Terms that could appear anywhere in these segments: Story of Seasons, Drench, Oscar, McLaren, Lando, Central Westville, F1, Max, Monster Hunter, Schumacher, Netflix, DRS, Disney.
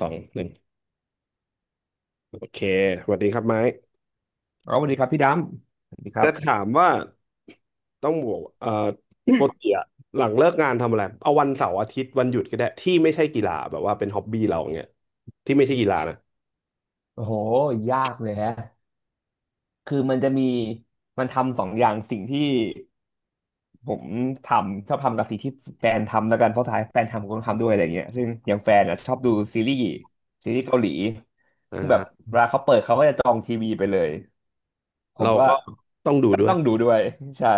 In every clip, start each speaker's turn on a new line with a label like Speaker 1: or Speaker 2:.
Speaker 1: สองหนึ่งโอเคสวัสดีครับไม้
Speaker 2: เอาสวัสดีครับพี่ดำสวัสดีครั
Speaker 1: จะ
Speaker 2: บ
Speaker 1: ถามว่าต้องบอกปกติอะหลังเลิกงานทำอะไรเอาวันเสาร์อาทิตย์วันหยุดก็ได้ที่ไม่ใช่กีฬาแบบว่าเป็นฮ็อบบี้เราเงี้ยที่ไม่ใช่กีฬานะ
Speaker 2: โอ้โห ยากเลยฮะคือมันจะมี มันทำสองอย่างสิ่งที่ผมทำชอบทำกับสิ่งที่แฟนทำแล้วกัน เพราะท้ายแฟนทำผมก็ทำด้วยอะไรเงี้ยซึ่งอย่างแฟนอ่ะชอบดูซีรีส์ ซีรีส์เกาหลี ซึ่งแบบ
Speaker 1: อ่า
Speaker 2: เวลาเขาเปิดเขาก็จะจองทีวีไปเลย ผม
Speaker 1: เรา
Speaker 2: ก็
Speaker 1: ก็ต้องดูด้ว
Speaker 2: ต้
Speaker 1: ย
Speaker 2: องดูด้วยใช่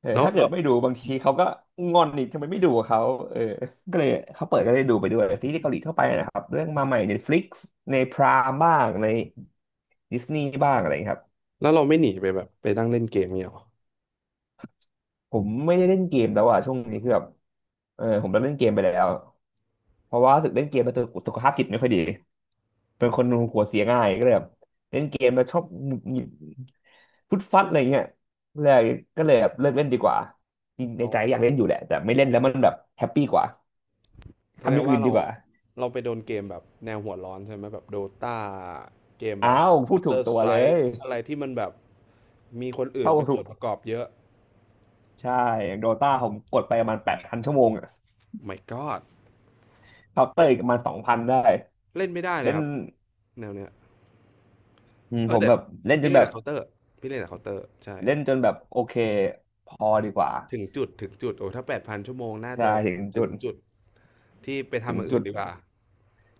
Speaker 2: เออ
Speaker 1: แล้ว
Speaker 2: ถ้าเกิ
Speaker 1: แล้
Speaker 2: ด
Speaker 1: ว
Speaker 2: ไม่ดูบางทีเขาก็งอนอีกทำไมไม่ดูกับเขาเออก็เลยเขาเปิดก็ได้ดูไปด้วยซีรีส์เกาหลีทั่วไปนะครับเรื่องมาใหม่ใน Netflix ในพรามบ้างในดิสนีย์บ้างอะไรอย่างเงี้ยครับ
Speaker 1: แล้วเราไม่หนีไปแบบไปนั่งเล่นเกมเนี้ยหรอ
Speaker 2: ผมไม่ได้เล่นเกมแล้วอ่ะช่วงนี้คือแบบเออผมเลิกเล่นเกมไปแล้วเพราะว่ารู้สึกเล่นเกมมาสุขภาพจิตไม่ค่อยดี เป็นคนหัวเสียง่ายก็เลยแบบเล่นเกมแล้วชอบหงุดหงิดฟุดฟัดอะไรเงี้ยเลยก็เลยแบบเลิกเล่นดีกว่าจริงใน
Speaker 1: อ๋อ
Speaker 2: ใจอยากเล่นอยู่แหละแต่ไม่เล่นแล้วมันแบบแฮปปี้กว่า
Speaker 1: แสด
Speaker 2: ทำอ
Speaker 1: ง
Speaker 2: ย่าง
Speaker 1: ว่า
Speaker 2: อื่น
Speaker 1: เรา
Speaker 2: ดีกว่า
Speaker 1: เราไปโดนเกมแบบแนวหัวร้อนใช่ไหมแบบโดตาเกมแบ
Speaker 2: อ้า
Speaker 1: บ
Speaker 2: วพูดถูก
Speaker 1: Counter
Speaker 2: ตัวเล
Speaker 1: Strike
Speaker 2: ย
Speaker 1: อะไรที่มันแบบมีคนอื่น
Speaker 2: เข้า
Speaker 1: เป็น
Speaker 2: ถู
Speaker 1: ส่ว
Speaker 2: ก
Speaker 1: นประกอบเยอะ
Speaker 2: ใช่อย่างโดตาผมกดไปประมาณ8,000ชั่วโมงอะ
Speaker 1: My God
Speaker 2: เคาน์เตอ
Speaker 1: เล่
Speaker 2: ร์
Speaker 1: น
Speaker 2: อีกประมาณสองพันได้
Speaker 1: เล่นไม่ได้เลย
Speaker 2: เล่
Speaker 1: ค
Speaker 2: น
Speaker 1: รับแนวเนี้ย
Speaker 2: อืม
Speaker 1: เอ
Speaker 2: ผ
Speaker 1: อ
Speaker 2: ม
Speaker 1: แต่
Speaker 2: แบบเล่นจ
Speaker 1: พี่
Speaker 2: น
Speaker 1: เล่น
Speaker 2: แบ
Speaker 1: แต่
Speaker 2: บ
Speaker 1: เคาน์เตอร์พี่เล่นแต่เคาน์เตอร์ใช่
Speaker 2: เล่นจนแบบโอเคพอดีกว่า
Speaker 1: ถึงจุดโอ้ถ้าแปดพันชั่วโมงน่า
Speaker 2: ใช่
Speaker 1: จะ
Speaker 2: ถึง
Speaker 1: ถึ
Speaker 2: จุ
Speaker 1: ง
Speaker 2: ด
Speaker 1: จุดที่ไป
Speaker 2: ถึ
Speaker 1: ทำอ
Speaker 2: ง
Speaker 1: ย่าง
Speaker 2: จุ
Speaker 1: อื่น
Speaker 2: ด
Speaker 1: ดีกว่า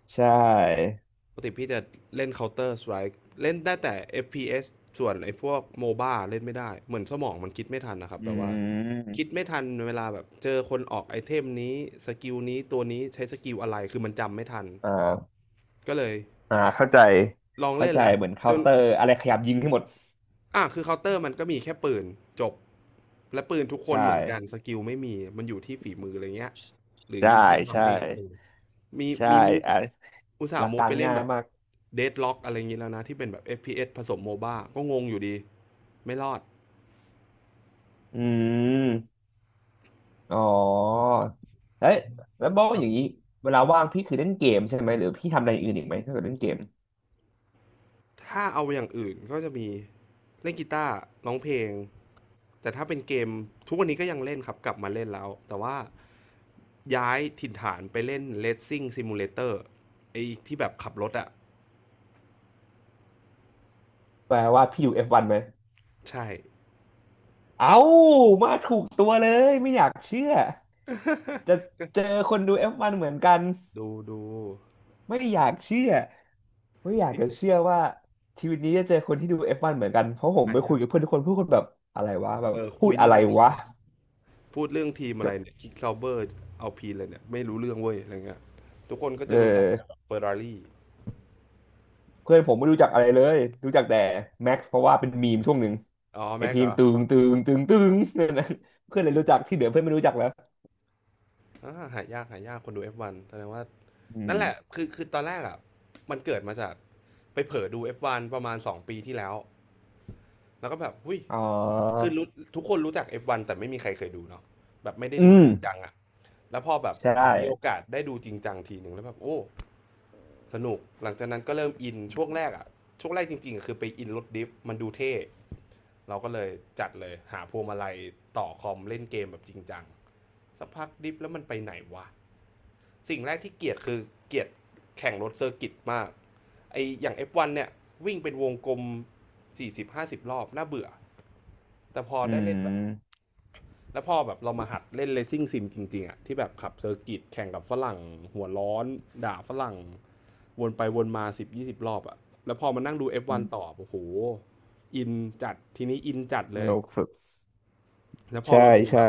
Speaker 2: ใช่
Speaker 1: ปกติพี่จะเล่นเคาน์เตอร์สไ k e เล่นได้แต่ FPS สส่วนไอ้พวกโมบ้าเล่นไม่ได้เหมือนสมองมันคิดไม่ทันนะครับ
Speaker 2: อื
Speaker 1: แบบว่าคิด
Speaker 2: ม
Speaker 1: ไม่ทันเวลาแบบเจอคนออกไอเทมนี้สกิลนี้ตัวนี้ใช้สกิลอะไรคือมันจำไม่ทัน
Speaker 2: อ่า
Speaker 1: ก็เลย
Speaker 2: อ่าเข้าใจ
Speaker 1: ลอง
Speaker 2: เข้า
Speaker 1: เล่น
Speaker 2: ใจ
Speaker 1: แล้ว
Speaker 2: เหมือน
Speaker 1: จ
Speaker 2: เคา
Speaker 1: น
Speaker 2: น์เตอร์อะไรขยับยิงให้หมด
Speaker 1: อ่าคือเคาน์เตอร์มันก็มีแค่ปืนจบและปืนทุกคน
Speaker 2: ใช่
Speaker 1: เหมือนกันสกิลไม่มีมันอยู่ที่ฝีมืออะไรเงี้ยหรือ
Speaker 2: ใช่
Speaker 1: อยู่ที่
Speaker 2: ใช่
Speaker 1: ทำไม่ตรงมี
Speaker 2: ใช่
Speaker 1: มีมุก
Speaker 2: อ่ะ
Speaker 1: อุตส่า
Speaker 2: หลั
Speaker 1: ห์
Speaker 2: ก
Speaker 1: มุ
Speaker 2: กา
Speaker 1: ก
Speaker 2: ร
Speaker 1: ไปเล่น
Speaker 2: ง่าย
Speaker 1: แบบ
Speaker 2: มาก
Speaker 1: เดดล็อกอะไรเงี้ยแล้วนะที่เป็นแบบ FPS ผสมโมบ้าก็งงอยู่ดีไม่รอด
Speaker 2: อืมอ๋อเอ้ยแล้วบอกอย่างนี้เวลาว่างพี่คือเล่นเกมใช่ไหมหรือพี่ทำอะไรอื่นอีกไหมถ้าเกิดเล่นเกม
Speaker 1: ถ้าเอาอย่างอื่นก็จะมีเล่นกีตาร์ร้องเพลงแต่ถ้าเป็นเกมทุกวันนี้ก็ยังเล่นครับกลับมาเล่นแล้วแต่ว่าย้ายถิ่นฐานไปเล่น Racing Simulator ไอ้ที่แบบขับรถอะ
Speaker 2: แปลว่าพี่อยู่ F1 ไหม
Speaker 1: ใช่
Speaker 2: เอ้ามาถูกตัวเลยไม่อยากเชื่อจะ
Speaker 1: ก็
Speaker 2: เจอคนดู F1 เหมือนกัน
Speaker 1: ดู
Speaker 2: ไม่อยากเชื่อไม่อยาก
Speaker 1: นี่
Speaker 2: จะเชื่อว่าชีวิตนี้จะเจอคนที่ดู F1 เหมือนกันเพราะผม
Speaker 1: อ่า
Speaker 2: ไป
Speaker 1: น
Speaker 2: คุ
Speaker 1: ยั
Speaker 2: ยกับ
Speaker 1: ง
Speaker 2: เพื่อนทุกคนพูดคนแบบอะไรวะแบบ
Speaker 1: เออ
Speaker 2: พู
Speaker 1: คุ
Speaker 2: ด
Speaker 1: ย
Speaker 2: อะ
Speaker 1: เรื่อง
Speaker 2: ไร
Speaker 1: อะไร
Speaker 2: วะ
Speaker 1: วะพูดเรื่องทีมอะไร
Speaker 2: แบบ
Speaker 1: เนี่ยคิกซาวเบอร์เอาพีเลยเนี่ยไม่รู้เรื่องเว้ยอะไรเงี้ยทุกคนก็
Speaker 2: เอ
Speaker 1: จะรู้จักแต่แบ
Speaker 2: อ
Speaker 1: บเฟอร์รารี่
Speaker 2: เพื่อนผมไม่รู้จักอะไรเลยรู้จักแต่แม็กซ์เพราะว่าเป็นมีมช่วงหนึ่ง
Speaker 1: อ๋อ
Speaker 2: ไอ
Speaker 1: แม็
Speaker 2: เพ
Speaker 1: ก
Speaker 2: ล
Speaker 1: เหร
Speaker 2: ง
Speaker 1: อ
Speaker 2: ตึงตึงตึงตึง นั่นนะเพื่อนเลยรู้จักที่เหลือเพื่อนไม่รู้จักแล้ว
Speaker 1: อ่าหายากหายากคนดู F1 แสดงว่า
Speaker 2: อื
Speaker 1: นั่นแหละ
Speaker 2: ม
Speaker 1: คือตอนแรกอ่ะมันเกิดมาจากไปเผลอดู F1 ประมาณ2ปีที่แล้วแล้วก็แบบหุ้ย
Speaker 2: อ๋อ
Speaker 1: คือรู้ทุกคนรู้จัก F1 แต่ไม่มีใครเคยดูเนาะแบบไม่ได้
Speaker 2: อื
Speaker 1: ดู
Speaker 2: ม
Speaker 1: จริงจังอะแล้วพอแบบ
Speaker 2: ใช่
Speaker 1: เหมือนมีโอกาสได้ดูจริงจังทีหนึ่งแล้วแบบโอ้สนุกหลังจากนั้นก็เริ่มอินช่วงแรกอะช่วงแรกจริงๆอะคือไปอินรถดิฟมันดูเท่เราก็เลยจัดเลยหาพวงมาลัยต่อคอมเล่นเกมแบบจริงจังสักพักดิฟแล้วมันไปไหนวะสิ่งแรกที่เกลียดคือเกลียดแข่งรถเซอร์กิตมาก ไออย่าง F1 เนี่ยวิ่งเป็นวงกลม40-50รอบน่าเบื่อแต่พอ
Speaker 2: อื
Speaker 1: ได้เล่นแบบ
Speaker 2: ม
Speaker 1: แล้วพอแบบเรามาหัดเล่นเล c ซิ่งซิมจริงๆอะที่แบบขับเซอร์กิตแข่งกับฝรั่งหัวร้อนด่าฝรั่งวนไปวนมา10-20รอบอะแล้วพอมานั่งดู F1 ต่อโอ้โหอินจัดทีนี้อินจัดเล
Speaker 2: โล
Speaker 1: ย
Speaker 2: กสุด
Speaker 1: แล้วพอ
Speaker 2: ใช่
Speaker 1: เราดูแบ
Speaker 2: ใช่
Speaker 1: บ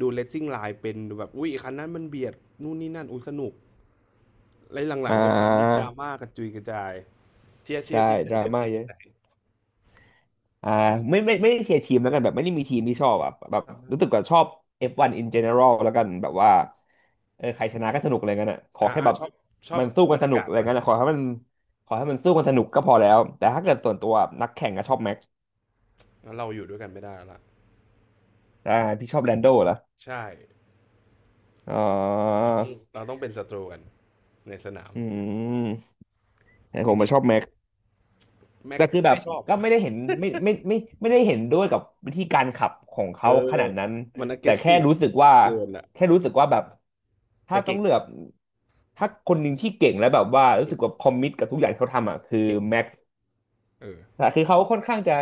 Speaker 1: ดูเล c ซิ่งไลน์เป็นดูแบบอุ้ยคันนั้นมันเบียดนู่นนี่นั่นอุ้ยสนุกแล้วหลั
Speaker 2: อ่
Speaker 1: งๆ F1 นนี่ด
Speaker 2: า
Speaker 1: ราม่ากระจุยกระจายเชียร์เชีย
Speaker 2: ใช่
Speaker 1: ร์ทีมไหน
Speaker 2: ดรา
Speaker 1: เนี่ย
Speaker 2: ม่า
Speaker 1: เชียร์
Speaker 2: เย
Speaker 1: ทีม
Speaker 2: อะ
Speaker 1: ไหน
Speaker 2: อ่าไม่ไม่ไม่ได้เชียร์ทีมแล้วกันแบบไม่ได้มีทีมที่ชอบอ่ะแบบ
Speaker 1: อ่
Speaker 2: รู้สึก
Speaker 1: า
Speaker 2: ว่าชอบ F1 in general แล้วกันแบบว่าเออใครชนะก็สนุกอะไรเงี้ยน่ะขอแค่แบบ
Speaker 1: ชอบชอบ
Speaker 2: มันสู้
Speaker 1: บร
Speaker 2: กัน
Speaker 1: ร
Speaker 2: ส
Speaker 1: ยา
Speaker 2: นุก
Speaker 1: กาศ
Speaker 2: อะไร
Speaker 1: มัน
Speaker 2: เงี้ยน่ะขอให้มันขอให้มันสู้กันสนุกก็พอแล้วแต่ถ้าเกิดส่วนตัวนักแข่งก็ชอบแม็กซ์
Speaker 1: แล้วเราอยู่ด้วยกันไม่ได้ละ
Speaker 2: อ่าพี่ชอบแลนโดเหรอ
Speaker 1: ใช่
Speaker 2: อ๋อ
Speaker 1: เราต้องเราต้องเป็นศัตรูกันในสนาม
Speaker 2: อืมแต่
Speaker 1: จ
Speaker 2: ผม
Speaker 1: ริ
Speaker 2: มา
Speaker 1: ง
Speaker 2: ชอบแม็ก
Speaker 1: ๆแม็ก
Speaker 2: แต่คือแบบ
Speaker 1: ไม่ชอบ
Speaker 2: ก็ไม่ได้เห็นไม่ได้เห็นด้วยกับวิธีการขับของ
Speaker 1: เออ
Speaker 2: เขาขนาดนั้น
Speaker 1: มัน
Speaker 2: แต่แค่
Speaker 1: aggressive
Speaker 2: รู้สึกว่า
Speaker 1: เกินอะ
Speaker 2: แค่รู้สึกว่าแบบ
Speaker 1: แต่
Speaker 2: ถ้าต้อ
Speaker 1: เก่
Speaker 2: ง
Speaker 1: ง
Speaker 2: เลือกถ้าคนหนึ่งที่เก่งแล้วแบบว่ารู้
Speaker 1: เก่
Speaker 2: สึ
Speaker 1: ง
Speaker 2: กว่าคอมมิตกับทุกอย่างที่เขาทำอ่ะคือ
Speaker 1: เก่ง
Speaker 2: แม็ก
Speaker 1: เออ
Speaker 2: แต่คือเขาค่อนข้างจะ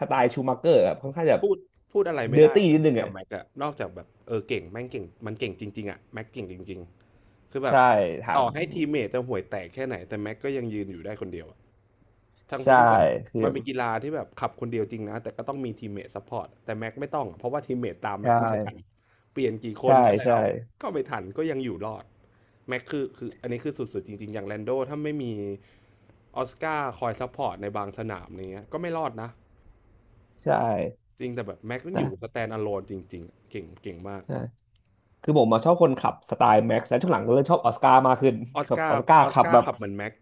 Speaker 2: สไตล์ชูมัเกอร์อะค่อนข้างจะ
Speaker 1: พูดพูดอะไร
Speaker 2: เด
Speaker 1: ไม่
Speaker 2: อร์
Speaker 1: ได้
Speaker 2: ตี้
Speaker 1: อะ
Speaker 2: นิดนึง
Speaker 1: กั
Speaker 2: อ่ะ
Speaker 1: บแม็กอะนอกจากแบบเออเก่งแม่งเก่งมันเก่งจริงๆอะแม็กเก่งจริงๆคือแบบ
Speaker 2: ใช่ถา
Speaker 1: ต่อ
Speaker 2: ม
Speaker 1: ให้ทีมเมทจะห่วยแตกแค่ไหนแต่แม็กก็ยังยืนอยู่ได้คนเดียวอะ ทั้งทั้
Speaker 2: ใช่
Speaker 1: งที่แบบ
Speaker 2: คือ
Speaker 1: มันเป็นกีฬาที่แบบขับคนเดียวจริงนะแต่ก็ต้องมีทีมเมทซัพพอร์ตแต่แม็กไม่ต้องอะเพราะว่าทีมเมทตามแม็
Speaker 2: ใช่
Speaker 1: กไม่เคยทันเปลี่ยนกี่ค
Speaker 2: ใช่
Speaker 1: นก็แล้
Speaker 2: ใช่
Speaker 1: วก็ไม่ทันก็ยังอยู่รอดแม็กคืออันนี้คือสุดๆจริงๆอย่างแลนโดถ้าไม่มีออสการ์คอยซัพพอร์ตในบางสนามเนี้ยก็ไม่รอดนะ
Speaker 2: ใช่
Speaker 1: จริงแต่แบบแม็กมันอ
Speaker 2: แต่
Speaker 1: ยู่สแตนด์อะโลนจริงๆเก่งเก่งมาก
Speaker 2: ใช่ คือผมมาชอบคนขับสไตล์แม็กซ์และช่วงหลังก็เริ่มชอบออสการ์มากขึ้น
Speaker 1: ออส
Speaker 2: แบบ
Speaker 1: กา
Speaker 2: ออ
Speaker 1: ร์
Speaker 2: สการ์
Speaker 1: ออส
Speaker 2: ขับ
Speaker 1: กา
Speaker 2: แบ
Speaker 1: ร์
Speaker 2: บ
Speaker 1: ขับเหมือนแม็ก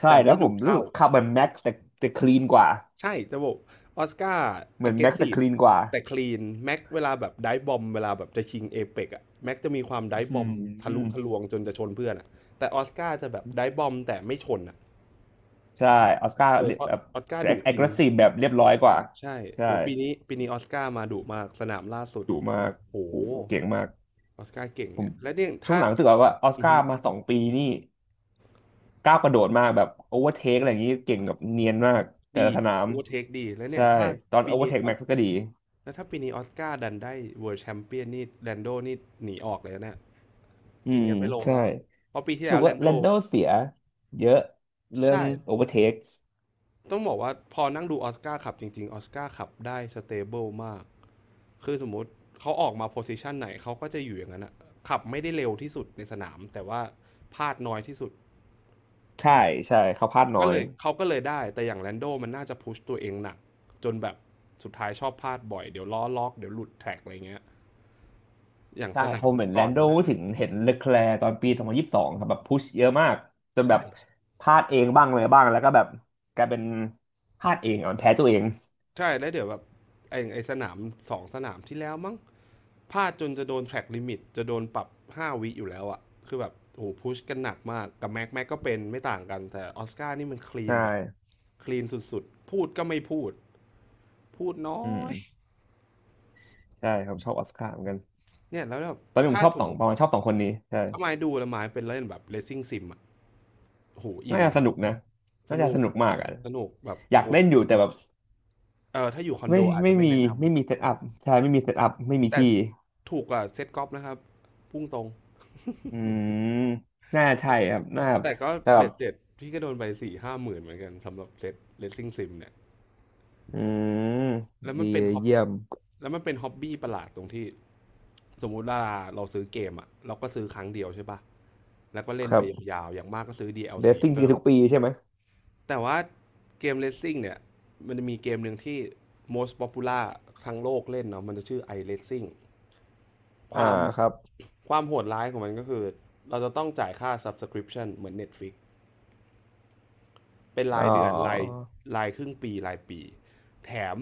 Speaker 2: ใช่
Speaker 1: แต่
Speaker 2: แล้
Speaker 1: ไม่
Speaker 2: วผ
Speaker 1: ดุ
Speaker 2: มรู้
Speaker 1: เท่า
Speaker 2: สึกขับแบบแม็กซ์แต่แต่คลีนกว่า
Speaker 1: ใช่จะบอกออสการ์
Speaker 2: เหมือนแม็กซ์แต่ค
Speaker 1: aggressive
Speaker 2: ลีนกว่า
Speaker 1: แต่ clean แม็กเวลาแบบไดฟ์บอมเวลาแบบจะชิงเอ e ปกอะแม็กจะมีความไดฟ์บ
Speaker 2: อื
Speaker 1: อมทะลุทะ
Speaker 2: ม
Speaker 1: ลวงจนจะชนเพื่อนอะแต่ออสการ์จะแบบไดฟ์บอมแต่ไม่ชนอะ
Speaker 2: ใช่ออสการ์
Speaker 1: เออออ
Speaker 2: แบบ
Speaker 1: ออสการ์ดุ
Speaker 2: แอ
Speaker 1: จ
Speaker 2: ค
Speaker 1: ริง
Speaker 2: ทีฟแบบเรียบร้อยกว่า
Speaker 1: ใช่
Speaker 2: ใช่
Speaker 1: โอ้ปีนี้ออสการ์มาดุมากสนามล่าสุด
Speaker 2: ดุมาก
Speaker 1: โห
Speaker 2: โอ้โหเก่งมาก
Speaker 1: ออสการ์เก่ง
Speaker 2: ผม
Speaker 1: เนี่ยและเนี่ย
Speaker 2: ช่วง
Speaker 1: ถ้า
Speaker 2: หลังรู้สึกว่าออส
Speaker 1: อือ
Speaker 2: กา
Speaker 1: ฮึ
Speaker 2: ร์มาสองปีนี่ก้าวกระโดดมากแบบโอเวอร์เทคอะไรอย่างนี้เก่งแบบเนียนมากแต่
Speaker 1: ดี
Speaker 2: ละสนาม
Speaker 1: Overtake ดีแล้วเนี่
Speaker 2: ใช่
Speaker 1: ยถ้า
Speaker 2: ตอน
Speaker 1: ปี
Speaker 2: โอเวอร์
Speaker 1: นี้
Speaker 2: เทค
Speaker 1: ออ
Speaker 2: แม็
Speaker 1: ส
Speaker 2: กซ์ก็ดี
Speaker 1: แล้วถ้าปีนี้ออสการ์ดันได้ World Champion นี่แลนโดนี่หนีออกเลยนะเนี่ย
Speaker 2: อื
Speaker 1: กิน
Speaker 2: ม
Speaker 1: กันไม่ลง
Speaker 2: ใช่
Speaker 1: แล้วเพราะปีที่
Speaker 2: รู้
Speaker 1: แล้
Speaker 2: สึ
Speaker 1: ว
Speaker 2: ก
Speaker 1: แล
Speaker 2: ว่า
Speaker 1: นโด
Speaker 2: แลนโดเสียเยอะเรื่อง
Speaker 1: ใช่
Speaker 2: โอเวอร์เทค
Speaker 1: ต้องบอกว่าพอนั่งดูออสการ์ขับจริงๆออสการ์ขับได้สเตเบิลมากคือสมมุติเขาออกมาโพสิชันไหนเขาก็จะอยู่อย่างนั้นอะขับไม่ได้เร็วที่สุดในสนามแต่ว่าพลาดน้อยที่สุด
Speaker 2: ใช่ใช่เขาพลาดน้
Speaker 1: ก็
Speaker 2: อ
Speaker 1: เล
Speaker 2: ย
Speaker 1: ยเขาก็เลยได้แต่อย่างแลนโดมันน่าจะพุชตัวเองหนักจนแบบสุดท้ายชอบพลาดบ่อยเดี๋ยวล้อล็อกเดี๋ยวหลุดแท็กอะไรเงี้ยอย่าง
Speaker 2: ใช่
Speaker 1: สนา
Speaker 2: เขา
Speaker 1: ม
Speaker 2: เหมือนแล
Speaker 1: ก่อ
Speaker 2: น
Speaker 1: น
Speaker 2: โด
Speaker 1: หน้า
Speaker 2: ถึงเห็นเล c l คลร์ตอนปีสองพันยี่สิบส2 2ครับแบบพุชเยอะมากจนแบ
Speaker 1: ใช่
Speaker 2: บพลาดเองบ้างเลยบ้างแล้วก็แบบกลายเป็นพลาดเองอ่อนแพ้ตัวเอง
Speaker 1: ใช่แล้วเดี๋ยวแบบไอ้สนามสองสนามที่แล้วมั้งพลาดจนจะโดนแทร็กลิมิตจะโดนปรับ5 วิอยู่แล้วอะคือแบบโอ้โหพุชกันหนักมากกับแม็กแม็กก็เป็นไม่ต่างกันแต่ออสการ์นี่มันคลี
Speaker 2: ใช
Speaker 1: นแบบ
Speaker 2: ่
Speaker 1: คลีนสุดๆพูดก็ไม่พูดพูดน้อ
Speaker 2: อืม
Speaker 1: ย
Speaker 2: ใช่ผมชอบออสการ์เหมือนกัน
Speaker 1: เนี่ยแล้วแบบ
Speaker 2: ตอนนี้ผ
Speaker 1: ถ้า
Speaker 2: มชอบ
Speaker 1: สม
Speaker 2: สอ
Speaker 1: ม
Speaker 2: งป
Speaker 1: ติ
Speaker 2: ระมาณชอบสองคนนี้ใช่
Speaker 1: ถ้าไม้ดูแล้วไม้เป็นเล่นแบบเ a ซ i ่งซิมอ่ะโหอิ
Speaker 2: น่า
Speaker 1: น
Speaker 2: จะสนุกนะ
Speaker 1: ส
Speaker 2: น่าจะ
Speaker 1: นุ
Speaker 2: ส
Speaker 1: ก
Speaker 2: นุกมากอ่ะ
Speaker 1: สนุกแบบ
Speaker 2: อยาก
Speaker 1: โอ้
Speaker 2: เล่นอยู่แต่แบบ
Speaker 1: เออถ้าอยู่คอน
Speaker 2: ไม่
Speaker 1: โดอาจ
Speaker 2: ไม่
Speaker 1: จะไม่
Speaker 2: มี
Speaker 1: แนะน
Speaker 2: ไม่มีเซตอัพใช่ไม่มีเซตอัพไม่
Speaker 1: ำ
Speaker 2: มี
Speaker 1: แต่
Speaker 2: ที่
Speaker 1: ถูกกว่าเซ็ตกอล์ฟนะครับพุ่งตรง
Speaker 2: อืมน่าใช่ครับน่า
Speaker 1: แต่ก็
Speaker 2: แต่แบ
Speaker 1: เบ็
Speaker 2: บ
Speaker 1: ดเสร็จพี่ก็โดนไปสี่ห้าหมื่นเหมือนกันสำหรับเซ็ตเลสซิ่งซิมเนี่ย
Speaker 2: อืม
Speaker 1: แล้วมั
Speaker 2: ดี
Speaker 1: นเป็น
Speaker 2: เลย
Speaker 1: ฮอบ
Speaker 2: เยี่ยม
Speaker 1: แล้วมันเป็นฮ็อบบี้ประหลาดตรงที่สมมุติว่าเราซื้อเกมอะเราก็ซื้อครั้งเดียวใช่ปะแล้วก็เล่น
Speaker 2: ครั
Speaker 1: ไป
Speaker 2: บ
Speaker 1: ยาวๆอย่างมากก็ซื้อ
Speaker 2: เด
Speaker 1: DLC
Speaker 2: ซซิ่ง
Speaker 1: เพิ่ม
Speaker 2: ทุกปีใช่ไหม
Speaker 1: แต่ว่าเกมเลสซิ่งเนี่ยมันจะมีเกมหนึ่งที่ most popular ทั้งโลกเล่นเนาะมันจะชื่อ iRacing ค
Speaker 2: อ่า
Speaker 1: วาม
Speaker 2: ครับ
Speaker 1: ความโหดร้ายของมันก็คือเราจะต้องจ่ายค่า subscription เหมือน Netflix เป็น
Speaker 2: อ๋
Speaker 1: รา
Speaker 2: อ
Speaker 1: ยเดือนรายครึ่งปีรายปีแถม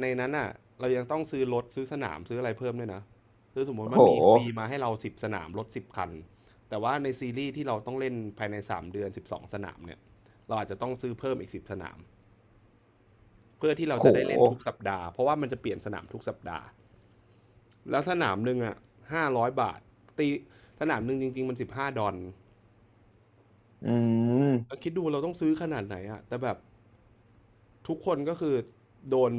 Speaker 1: ในนั้นอ่ะเรายังต้องซื้อรถซื้อสนามซื้ออะไรเพิ่มด้วยนะคือสมมติ
Speaker 2: โห
Speaker 1: ว่ามีฟรีมาให้เราสิบสนามรถ 10 คันแต่ว่าในซีรีส์ที่เราต้องเล่นภายใน3 เดือน12 สนามเนี่ยเราอาจจะต้องซื้อเพิ่มอีกสิบสนาม เพื่อที่เรา
Speaker 2: โ
Speaker 1: จะได้เล่นทุก
Speaker 2: ห
Speaker 1: สัปดาห์เพราะว่ามันจะเปลี่ยนสนามทุกสัปดาห์แล้วสนามหนึ่งอ่ะ500 บาทตีสนามหนึ่งจริงๆมัน15 ดอล
Speaker 2: อืม
Speaker 1: คิดดูเราต้องซื้อขนาดไหนอ่ะแต่แบบ ทุกคนก็คือโดน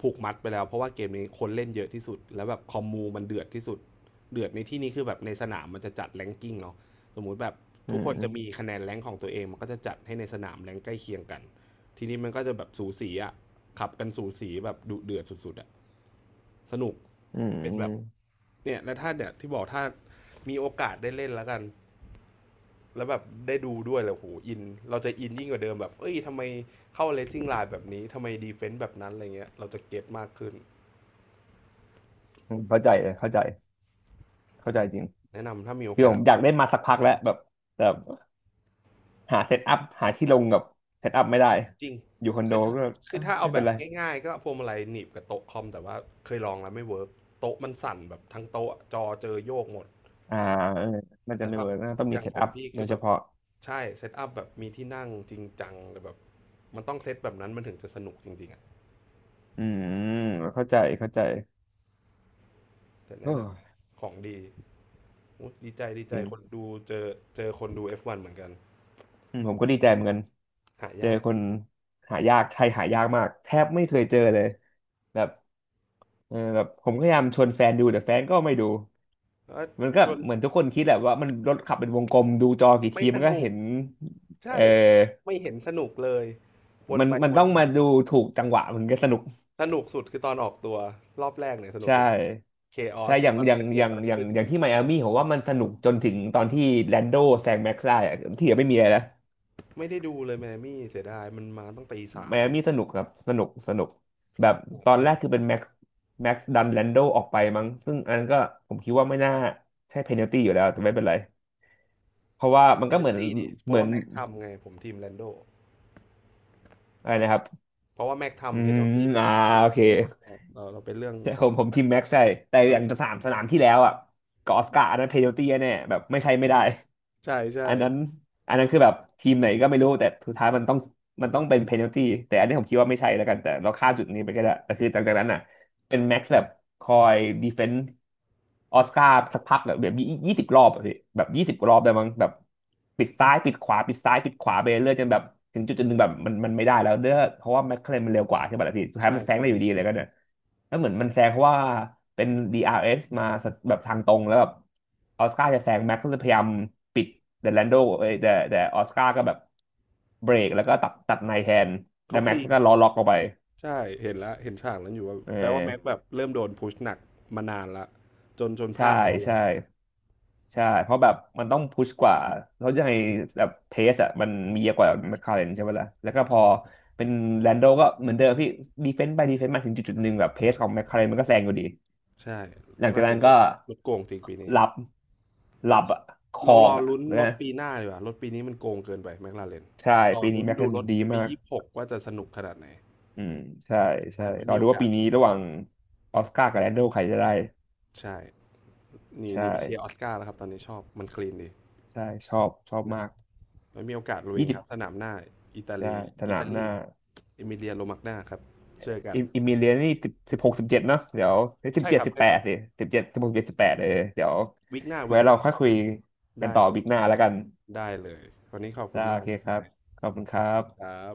Speaker 1: ผูกมัดไปแล้วเพราะว่าเกมนี้คนเล่นเยอะที่สุดแล้วแบบคอมมูมันเดือดที่สุดเดือดในที่นี้คือแบบในสนามมันจะจัดแรงกิ้งเนาะสมมุติแบบ
Speaker 2: อื
Speaker 1: ทุก
Speaker 2: ม
Speaker 1: คน
Speaker 2: อื
Speaker 1: จะ
Speaker 2: ม
Speaker 1: มีคะแนนแรงของตัวเองมันก็จะจัดให้ในสนามแรงใกล้เคียงกันทีนี้มันก็จะแบบสูสีอะขับกันสูสีแบบดุเดือดสุดๆอะสนุก
Speaker 2: อื
Speaker 1: เป็นแบบ
Speaker 2: ม
Speaker 1: เนี่ยและถ้าเนี่ยที่บอกถ้ามีโอกาสได้เล่นแล้วกัน แล้วแบบได้ดูด้วยแล้วโหอินเราจะอินยิ่งกว่าเดิมแบบเอ้ยทำไมเข้าเลสซิ่งไลน์แบบนี้ทำไมดีเฟนต์แบบนั้นอะไรเงี้ยเราจะเก็ตมากขึ้น
Speaker 2: อืมเข้าใจเลยเข้าใจเข้าใจจริง
Speaker 1: แนะนำถ้ามีโอ
Speaker 2: คือผ
Speaker 1: กาส
Speaker 2: มอยากได้มาสักพักแล้วแบบแต่หาเซตอัพหาที่ลงกับเซตอัพไม่ได้
Speaker 1: จริง
Speaker 2: อยู่คอนโด
Speaker 1: คือถ้า
Speaker 2: ก็
Speaker 1: คื
Speaker 2: เอ้
Speaker 1: อ
Speaker 2: ย
Speaker 1: ถ้าเอา
Speaker 2: ไม่
Speaker 1: แบ
Speaker 2: เป็น
Speaker 1: บ
Speaker 2: ไร
Speaker 1: ง่ายๆก็พวงมาลัยหนีบกับโต๊ะคอมแต่ว่าเคยลองแล้วไม่เวิร์กโต๊ะมันสั่นแบบทั้งโต๊ะจอเจอโยกหมด
Speaker 2: อ่าเออมันจะ
Speaker 1: แต่
Speaker 2: ไม่
Speaker 1: แบบ
Speaker 2: เวิร์กนะต้อง
Speaker 1: อ
Speaker 2: มี
Speaker 1: ย่าง
Speaker 2: เซ
Speaker 1: ข
Speaker 2: ต
Speaker 1: อง
Speaker 2: อัพ
Speaker 1: พี่
Speaker 2: โด
Speaker 1: คือ
Speaker 2: ย
Speaker 1: แบ
Speaker 2: เฉ
Speaker 1: บ
Speaker 2: พาะ
Speaker 1: ใช่เซตอัพแบบมีที่นั่งจริงจังแต่แบบมันต้องเซตแบบนั้นมันถึงจะสนุกจริงๆอะ
Speaker 2: อืมเข้าใจเข้าใจ
Speaker 1: แต่
Speaker 2: เอ
Speaker 1: แนะน
Speaker 2: อ
Speaker 1: ำของดีอุ๊ยดีใจดี
Speaker 2: จ
Speaker 1: ใจ
Speaker 2: ริ
Speaker 1: คน
Speaker 2: ง
Speaker 1: ดูเจอคนดู F1 เหมือนกัน
Speaker 2: อืมผมก็ดีใจเหมือนกัน
Speaker 1: หา
Speaker 2: เจอ
Speaker 1: ยาก
Speaker 2: คนหายากไทยหายากมากแทบไม่เคยเจอเลยแบบเออแบบผมพยายามชวนแฟนดูแต่แฟนก็ไม่ดู
Speaker 1: เอ้
Speaker 2: มันก็
Speaker 1: ชวน
Speaker 2: เหมือนทุกคนคิดแหละว่ามันรถขับเป็นวงกลมดูจอกี่
Speaker 1: ไม่
Speaker 2: ที
Speaker 1: ส
Speaker 2: มันก็
Speaker 1: นุก
Speaker 2: เห็นเอ
Speaker 1: ใช่
Speaker 2: อ
Speaker 1: ไม่เห็นสนุกเลยวน
Speaker 2: มัน
Speaker 1: ไป
Speaker 2: มัน
Speaker 1: วน
Speaker 2: ต้อง
Speaker 1: มา
Speaker 2: มาดูถูกจังหวะมันก็สนุก
Speaker 1: สนุกสุดคือตอนออกตัวรอบแรกเนี่ยสนุก
Speaker 2: ใช่
Speaker 1: สุดเคออ
Speaker 2: ใช่
Speaker 1: ส
Speaker 2: อย่าง
Speaker 1: ว่า
Speaker 2: อย่าง
Speaker 1: จะเกิ
Speaker 2: อ
Speaker 1: ด
Speaker 2: ย่าง
Speaker 1: อะไร
Speaker 2: อย่าง
Speaker 1: ขึ้น
Speaker 2: อย่างที่ไมอามี่ผมว่ามันสนุกจนถึงตอนที่แลนโดแซงแม็กซ์ได้อะที่เหลือไม่มีอะไรแล้ว
Speaker 1: ไม่ได้ดูเลยแมมี่เสียดายมันมาตั้งตีสา
Speaker 2: ไม
Speaker 1: ม
Speaker 2: อา
Speaker 1: เนี่ย
Speaker 2: มี่สนุกครับสนุกสนุกแบบตอ
Speaker 1: พ
Speaker 2: น
Speaker 1: ลา
Speaker 2: แร
Speaker 1: ด
Speaker 2: กคือเป็นแม็กแม็กดันแลนโดออกไปมั้งซึ่งอันนั้นก็ผมคิดว่าไม่น่าใช่เพนัลตี้อยู่แล้วแต่ไม่เป็นไรเพราะว่า
Speaker 1: ติด
Speaker 2: มั
Speaker 1: เพ
Speaker 2: นก็
Speaker 1: นั
Speaker 2: เห
Speaker 1: ล
Speaker 2: มือน
Speaker 1: ตี้ดิเพ
Speaker 2: เห
Speaker 1: ราะ
Speaker 2: มือ
Speaker 1: ว่า
Speaker 2: น
Speaker 1: แม็กทำไงผมทีมแลนโด
Speaker 2: อะไรนะครับ
Speaker 1: เพราะว่าแม็ก
Speaker 2: อื
Speaker 1: ทำเพ
Speaker 2: ม
Speaker 1: นัลตี้หม
Speaker 2: อ่า
Speaker 1: ดทีม
Speaker 2: โอ
Speaker 1: แล
Speaker 2: เค
Speaker 1: นโดเราเป็นเรื่อง
Speaker 2: ใช่
Speaker 1: ข
Speaker 2: ผ
Speaker 1: อง
Speaker 2: มผมทีมแม็กใช่แต่อย่าง
Speaker 1: เออ
Speaker 2: สนามที่แล้วอ่ะกับออสการ์อันนั้นเพนัลตี้แน่ๆแบบไม่ใช่ไม่ได้
Speaker 1: ใช่ใช่
Speaker 2: อันนั้นคือแบบทีมไหนก็ไม่รู้แต่สุดท้ายมันต้องเป็นเพนัลตี้แต่อันนี้ผมคิดว่าไม่ใช่แล้วกันแต่เราข้ามจุดนี้ไปก็ได้แต่คือจากนั้นอ่ะ เป็นแม็กซ์แบบคอยดีเฟนส์ออสการ์สักพักอะแบบยี่สิบรอบอะพี่แบบยี่สิบรอบได้มั้งแบบปิดซ้ายปิดขวาปิดซ้ายปิดขวาไปเรื่อยจนแบบถึงจุดหนึ่งแบบมันไม่ได้แล้วเด้อเพราะว่าแม็กเคลนมันเร็วกว่าใช่ป่ะล่ะพี่สุดท้าย
Speaker 1: ใช่
Speaker 2: มันแซง
Speaker 1: ใช่
Speaker 2: ได้อยู่ดีเลยก็เนี่ยแล้วเหมือนมันแซงเพราะว่าเป็น DRS มาแบบทางตรงแล้วแบบออสการ์จะแซงแม็กซ์ก็เลยพยายามปิดแต่แลนโดเอ้ยแต่ออสการ์ก็แบบเบรกแล้วก็ตัดในแทนแล้
Speaker 1: เขา
Speaker 2: ว
Speaker 1: ค
Speaker 2: แม็ก
Speaker 1: ลี
Speaker 2: ซ์
Speaker 1: น
Speaker 2: ก็ล้อล็อกลงไป
Speaker 1: ใช่เห็นแล้วเห็นฉากนั้นอยู่ว่า
Speaker 2: เอ
Speaker 1: แปลว่าแม็ก
Speaker 2: อ
Speaker 1: แบบเริ่มโดนพุชหนักมานานละจนพ
Speaker 2: ใช่
Speaker 1: ลาดล้อล็อ
Speaker 2: ใช่
Speaker 1: ก
Speaker 2: ใช่เพราะแบบมันต้องพุชกว่าเพราะยังไงแบบเทสอะมันมีเยอะกว่าแมคลาเรนใช่ไหมล่ะแล้วก็พอ
Speaker 1: ใช่
Speaker 2: เป็นแลนโดก็เหมือนเดิมพี่ดีเฟนซ์ไปดีเฟนซ์มาถึงจุดหนึ่งแบบเพสของแมคลาเรนมันก็แซงอยู่ดี
Speaker 1: ใช่
Speaker 2: หลั
Speaker 1: แม็
Speaker 2: ง
Speaker 1: ก
Speaker 2: จา
Speaker 1: ลา
Speaker 2: ก
Speaker 1: เร
Speaker 2: นั้น
Speaker 1: น
Speaker 2: ก็
Speaker 1: รถโกงจริงปีนี้
Speaker 2: หลับห
Speaker 1: เอา
Speaker 2: ลับ
Speaker 1: จริง
Speaker 2: อะค
Speaker 1: เรา
Speaker 2: อ
Speaker 1: ร
Speaker 2: ก
Speaker 1: อ
Speaker 2: อะ
Speaker 1: ลุ้น
Speaker 2: นะ
Speaker 1: รถปีหน้าดีกว่ารถปีนี้มันโกงเกินไปแม็กลาเรน
Speaker 2: ใช่
Speaker 1: รอ
Speaker 2: ปีนี้
Speaker 1: ลุ้น
Speaker 2: แมค
Speaker 1: ดู
Speaker 2: ลาเร
Speaker 1: ร
Speaker 2: น
Speaker 1: ถ
Speaker 2: ดี
Speaker 1: ปี
Speaker 2: มาก
Speaker 1: 26ว่าจะสนุกขนาดไหน
Speaker 2: อืมใช่ใช่
Speaker 1: ใช่ไม่
Speaker 2: รอ
Speaker 1: มีโอ
Speaker 2: ดูว่า
Speaker 1: กา
Speaker 2: ปี
Speaker 1: ส
Speaker 2: นี้ระหว่างออสการ์กับแลนโดใครจะได้
Speaker 1: ใช่หนี่
Speaker 2: ใช่
Speaker 1: นี่ไปเชียร์ออสการ์แล้วครับตอนนี้ชอบมันคลีนดี
Speaker 2: ใช่ชอบชอบ
Speaker 1: นะค
Speaker 2: มา
Speaker 1: รับ
Speaker 2: ก
Speaker 1: ไม่มีโอกาสลุย
Speaker 2: ยี่สิ
Speaker 1: ค
Speaker 2: บ
Speaker 1: รับสนามหน้าอิตา
Speaker 2: ได้
Speaker 1: ลี
Speaker 2: ส
Speaker 1: อิ
Speaker 2: นาม
Speaker 1: ตา
Speaker 2: ห
Speaker 1: ลี
Speaker 2: น้า
Speaker 1: เอมิเลียโรมากนาครับเจอกัน
Speaker 2: อิมิเลียนนี่สิบสิบหกสิบเจ็ดเนาะเดี๋ยวสิบ
Speaker 1: ใช่ค
Speaker 2: เจ็ด
Speaker 1: รับ
Speaker 2: สิบ
Speaker 1: ใช่
Speaker 2: แป
Speaker 1: ครั
Speaker 2: ด
Speaker 1: บ
Speaker 2: สิสิบเจ็ดสิบหกสิบเจ็ดสิบแปดเออเดี๋ยว
Speaker 1: วิกหน้าวิ
Speaker 2: ไว้
Speaker 1: กห
Speaker 2: เรา
Speaker 1: น้า
Speaker 2: ค่อยคุยกัน
Speaker 1: ได้
Speaker 2: ต่อ
Speaker 1: เลย
Speaker 2: บิ๊กหน้าแล้วกัน
Speaker 1: ได้เลยวันนี้ขอบคุ
Speaker 2: ได้
Speaker 1: ณ
Speaker 2: โอ
Speaker 1: มาก
Speaker 2: เค
Speaker 1: ครับ
Speaker 2: ค
Speaker 1: ไม
Speaker 2: รับ
Speaker 1: ค
Speaker 2: ขอบคุณครั
Speaker 1: ค
Speaker 2: บ
Speaker 1: รับ